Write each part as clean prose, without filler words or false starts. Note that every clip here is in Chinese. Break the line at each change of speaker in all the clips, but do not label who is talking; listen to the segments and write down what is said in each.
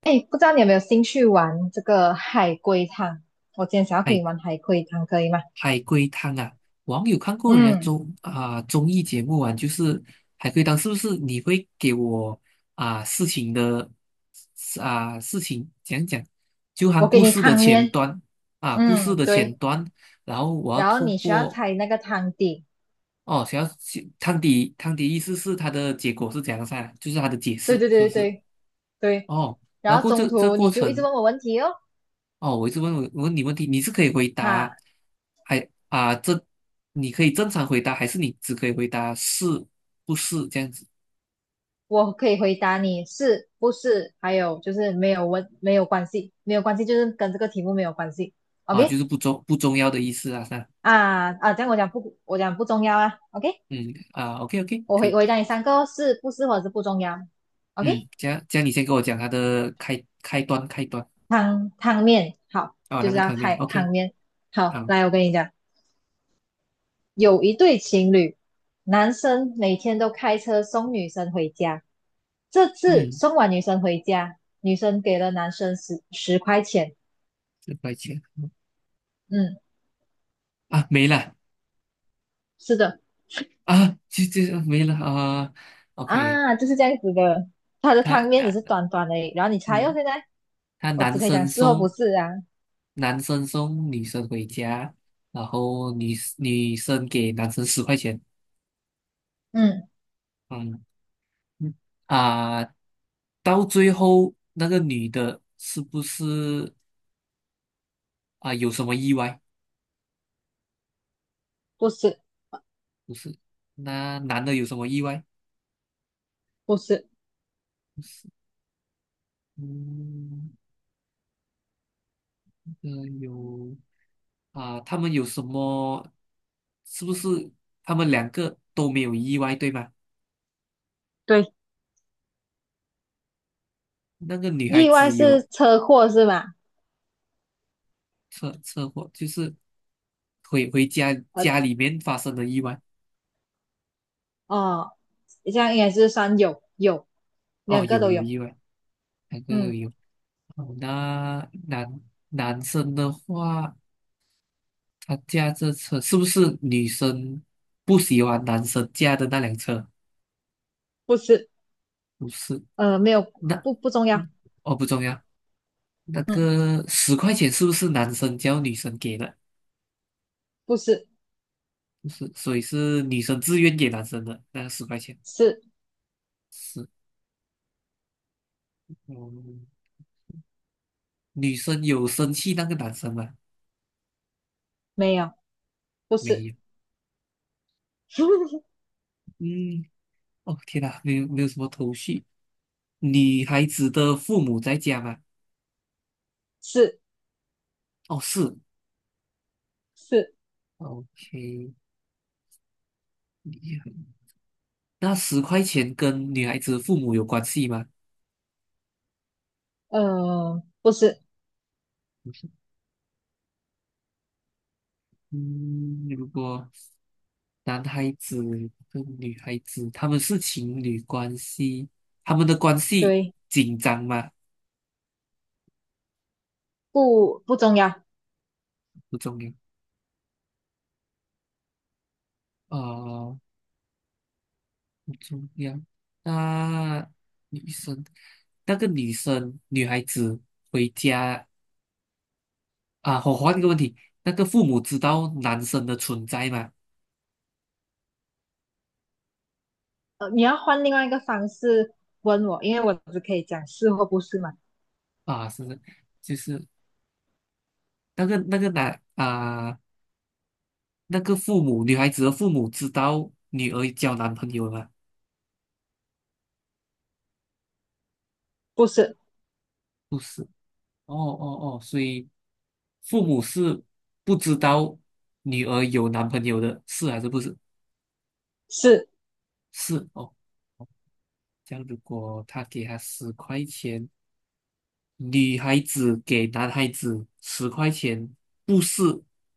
哎，不知道你有没有兴趣玩这个海龟汤？我今天想要跟你
海
玩海龟汤，可以吗？
海龟汤啊，网友看过人家
嗯，
综艺节目啊，就是海龟汤。是不是你会给我啊、事情的事情讲讲，就含
我给
故
你
事的
汤
前
面。
端啊，故事
嗯，
的前
对，
端，然后我要
然后
透
你需要
过
猜那个汤底。
哦，想要去汤底意思是它的结果是怎样噻，就是它的解释，
对对
是不
对
是？
对对，
哦。然
然
后
后
过这
中
这
途
过
你就一直
程，
问我问题哦。
哦，我一直问我我问你问题，你是可以回答，
哈，
还啊正，你可以正常回答，还是你只可以回答是不是这样子
我可以回答你是不是，还有就是没有问没有关系，没有关系就是跟这个题目没有关系
啊？就
，OK。
是不重要的意思啊，是吧？
这样我讲不我讲不重要啊，OK。
嗯啊，OK OK，可以。
我回答你3个哦，是不是或者是不重要
嗯，
，OK。
这样你先跟我讲他的开开端开端。
汤面，好，
啊，
就
那
是
个
要
汤面
太汤
，OK，
面。好，
好。
来，我跟你讲，有一对情侣，男生每天都开车送女生回家。这次
嗯，
送完女生回家，女生给了男生十块钱。
4块钱？
嗯，
啊，没了？
是的。
啊，这没了啊，OK。
啊，就是这样子的。他的
他
汤面只
男
是短短的，然后你猜哦，
嗯，
现在
他
我只
男
可以讲
生
是或不
送。
是啊。
男生送女生回家，然后女生给男生十块钱。
嗯，
嗯嗯。啊，到最后那个女的是不是啊有什么意外？
不是，
不是。那男的有什么意外？
不是，
不是。嗯，呃有啊，他们有什么？是不是他们两个都没有意外，对吗？
对，
那个女孩
意外
子有
是车祸是吗？
车祸，就是回家
呃，
家里面发生的意外。
哦，这样应该是算有，
哦，
两个
有
都
有
有。
意外，那个有
嗯，
有。哦，那男生的话，他驾这车是不是女生不喜欢男生驾的那辆车？
不是，
不是。
没有，
那
不重要。
嗯哦，不重要。那
嗯，
个十块钱是不是男生叫女生给的？
不是，
不是。所以是女生自愿给男生的那个十块钱。
是
是。嗯，女生有生气那个男生吗？
没有，不
没
是。
有。嗯，哦天哪，没有什么头绪。女孩子的父母在家吗？
是
哦，是
是，
，OK，厉害。那十块钱跟女孩子父母有关系吗？
不是，
嗯，如果男孩子跟女孩子他们是情侣关系，他们的关系
对，
紧张吗？
不重要。
不重要。呃，不重要。那女生，那个女生，女孩子回家。啊，我换一个问题，那个父母知道男生的存在吗？
你要换另外一个方式问我，因为我只可以讲是或不是嘛。
啊，是，就是那个男啊。那个父母，女孩子的父母知道女儿交男朋友了吗？
不是，
不是。哦哦哦，所以父母是不知道女儿有男朋友的，是还是不是？
是，
是哦。这样如果他给她十块钱，女孩子给男孩子十块钱，不是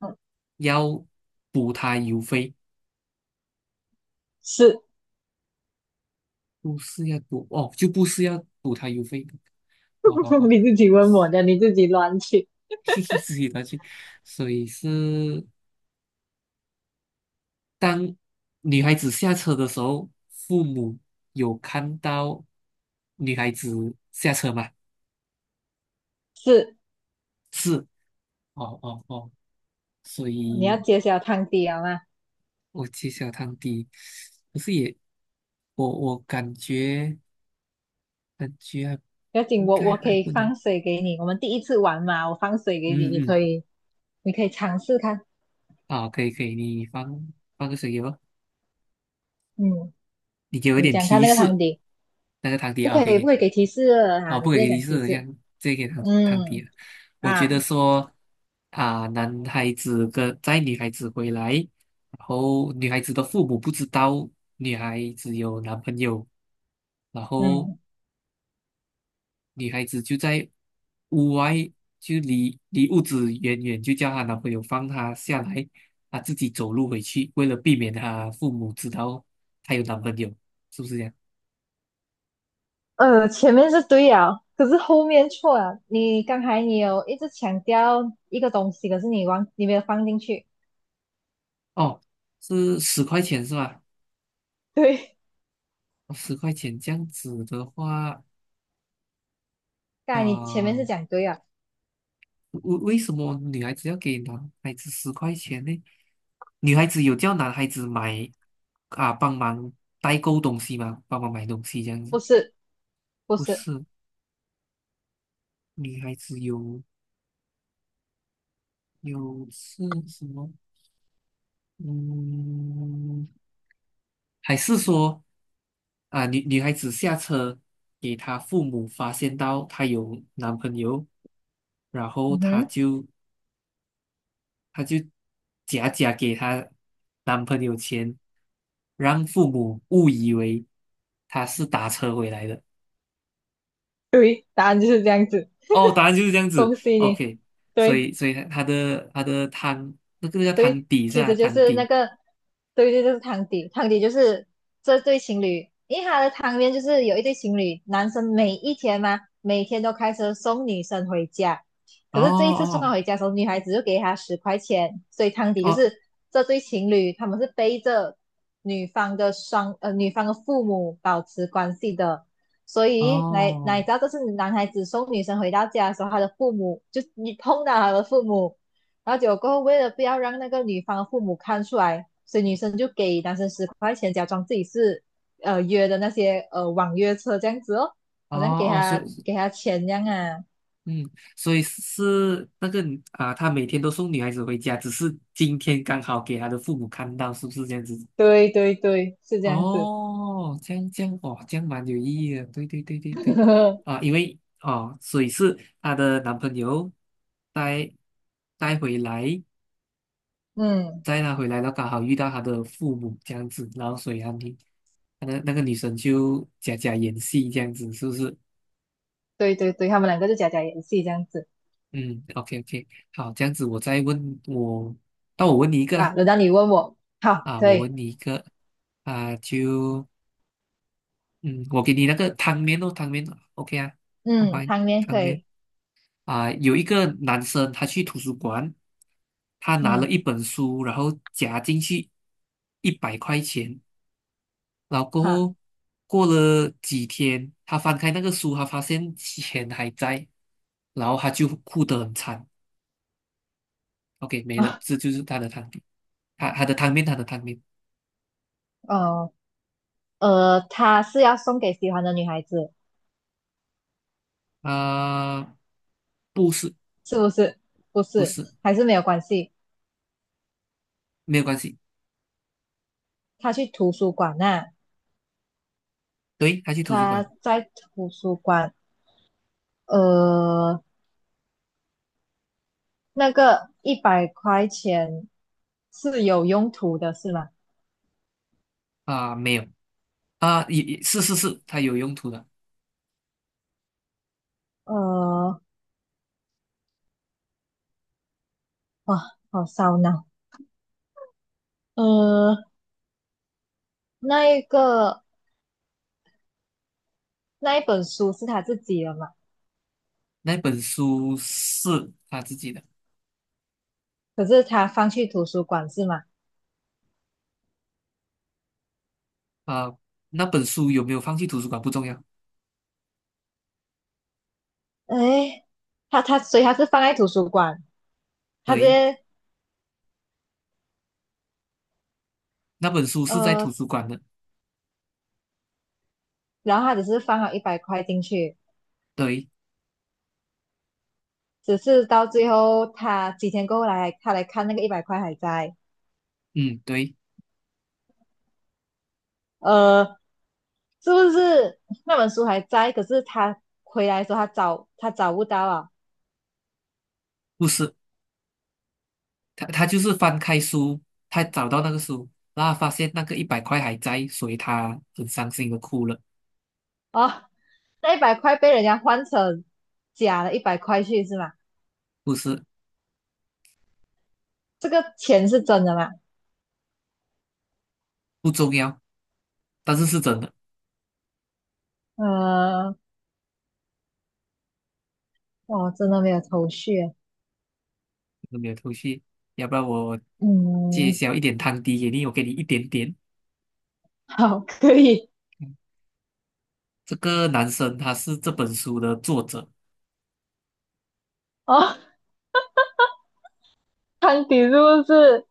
嗯，
要补他邮费？
是。
不是要补哦，就不是要补他邮费。好好 好，
你自己问我的，你自己乱去。
自己拿去，所以是。当女孩子下车的时候，父母有看到女孩子下车吗？
是，
是。哦哦哦。所
你要
以
揭晓汤底了吗？
我揭晓汤底，可是也，我感觉还
不要紧，
应
我
该
我可
还不
以
能。
放水给你。我们第一次玩嘛，我放水给你，
嗯
你
嗯，
可以，你可以尝试看。
好，可以可以，你放个水给我。
嗯，
你给我一
你
点
讲看
提
那个汤
示。
底。
那个汤底
不
啊
可
，OK
以，不
OK。
可以给提示了
啊，
啊！你
不
直
可以
接
给
讲
提
提
示，这
示。
样这个汤底
嗯
了。我觉得
啊，
说啊，男孩子跟载女孩子回来，然后女孩子的父母不知道女孩子有男朋友，然后
嗯，
女孩子就在屋外，就离屋子远远，就叫她男朋友放她下来，她自己走路回去，为了避免她父母知道她有男朋友，是不是这样？
前面是对啊，可是后面错了。你刚才你有一直强调一个东西，可是你忘，你没有放进去。
哦，是十块钱是吧？
对，
哦，十块钱这样子的话，
刚才你前面
啊、
是讲对啊。
为什么女孩子要给男孩子十块钱呢？女孩子有叫男孩子帮忙代购东西吗？帮忙买东西这样
不
子？
是，不
不
是。
是。女孩子有是什么？嗯，还是说啊，女孩子下车给她父母发现到她有男朋友，然后
嗯
她
哼，
就她就假假给她男朋友钱，让父母误以为她是打车回来的。
对，答案就是这样子。
哦，答案就是这样子。
恭喜你，
OK，所
对。
以所以她的汤那个叫汤
对，
底是
其
吧？
实就
汤
是那
底。
个，对对，就是汤底，汤底就是这对情侣，因为他的汤面就是有一对情侣，男生每一天嘛，每天都开车送女生回家，
哦
可是这一次送她
哦
回家的时候，女孩子就给他十块钱，所以汤底就
哦
是这对情侣他们是背着女方的女方的父母保持关系的，所以哪
哦
知道这是男孩子送女生回到家的时候，他的父母就你碰到他的父母。然后结果过后，为了不要让那个女方父母看出来，所以女生就给男生十块钱，假装自己是约的那些网约车这样子哦，
哦
好像
哦，所以
给他钱这样啊。
嗯，所以是那个啊，他每天都送女孩子回家，只是今天刚好给他的父母看到，是不是这样子？
对对对，是这样子。
哦，这样哦，这样蛮有意义的。对对对对对。啊，因为哦，所以是她的男朋友带带回来，
嗯，
带她回来，然后刚好遇到她的父母这样子，然后所以她女，那个女生就假假演戏这样子，是不是？
对对对，他们两个就假假演戏这样子。
嗯，OK OK。好，这样子我再问我。那我问你一个
啊，
啦。
轮到你问我，好，
啊，
可
我
以，
问你一个啊，我给你那个汤面哦，汤面，OK 啊，好吧，
嗯，汤面
汤
可
面
以。
啊，有一个男生他去图书馆，他拿了
嗯，
一本书，然后夹进去100块钱，然后过
好
后过了几天，他翻开那个书，他发现钱还在，然后他就哭得很惨。OK，没了，
啊。
这就是他的汤底，他的汤面，他的汤面
哦，他是要送给喜欢的女孩子，
啊，不是
是不是？不
不
是，
是，
还是没有关系。
没有关系。
他去图书馆那、
对，他去图书
他
馆。
在图书馆，呃，那个100块钱是有用途的，是吗？
啊、没有。啊，也是是是，他有用途的。
呃，哇，好烧脑。呃，那一个那一本书是他自己的嘛？
那本书是他自己的。
可是他放去图书馆是吗？
啊、那本书有没有放去图书馆不重要。
哎，所以他是放在图书馆，他直
对，
接。
那本书是在图
呃，
书馆的。
然后他只是放了一百块进去，
对，
只是到最后他几天过后来他来看那个一百块还在。
嗯，对，
呃，是不是那本书还在？可是他回来的时候，他找不到啊！
不是。他就是翻开书，他找到那个书，然后发现那个一百块还在，所以他很伤心的哭了。
哦，那一百块被人家换成假的一百块去是吗？
不是，
这个钱是真的吗？
不重要，但是是真的，
呃，我真的没有头绪啊。
没有头绪。要不然我揭
嗯，
晓一点汤底给你，我给你一点点。
好，可以
这个男生他是这本书的作者。
哦。汤迪是不是？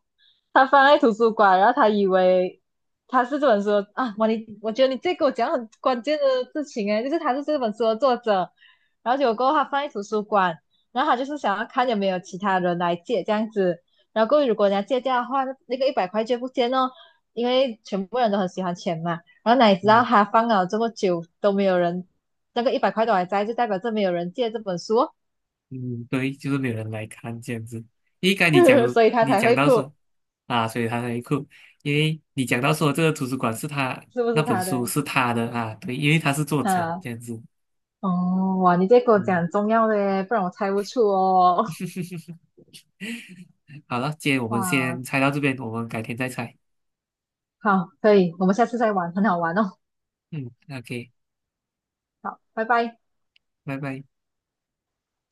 他放在图书馆，然后他以为他是这本书的啊，我你我觉得你这给我讲很关键的事情诶，就是他是这本书的作者，然后结果过后他放在图书馆，然后他就是想要看有没有其他人来借这样子，然后过后如果人家借掉的话，那那个一百块就不见哦，因为全部人都很喜欢钱嘛，然后哪里知道
嗯
他放了这么久都没有人，那个一百块都还在，就代表这没有人借这本书哦。
嗯对，就是没有人来看这样子。应该你讲
所以他才会
到
哭，
说啊，所以他才哭。因为你讲到说这个图书馆是他
是不
那
是
本
他
书
的？
是他的啊，对，因为他是作者
啊。
这样子。
哦，哇，你这给我
嗯，
讲重要的耶，不然我猜不出哦。
好了，今天我们
哇，
先猜到这边，我们改天再猜。
好，可以，我们下次再玩，很好玩哦。
嗯，OK，
好，拜拜。
拜拜。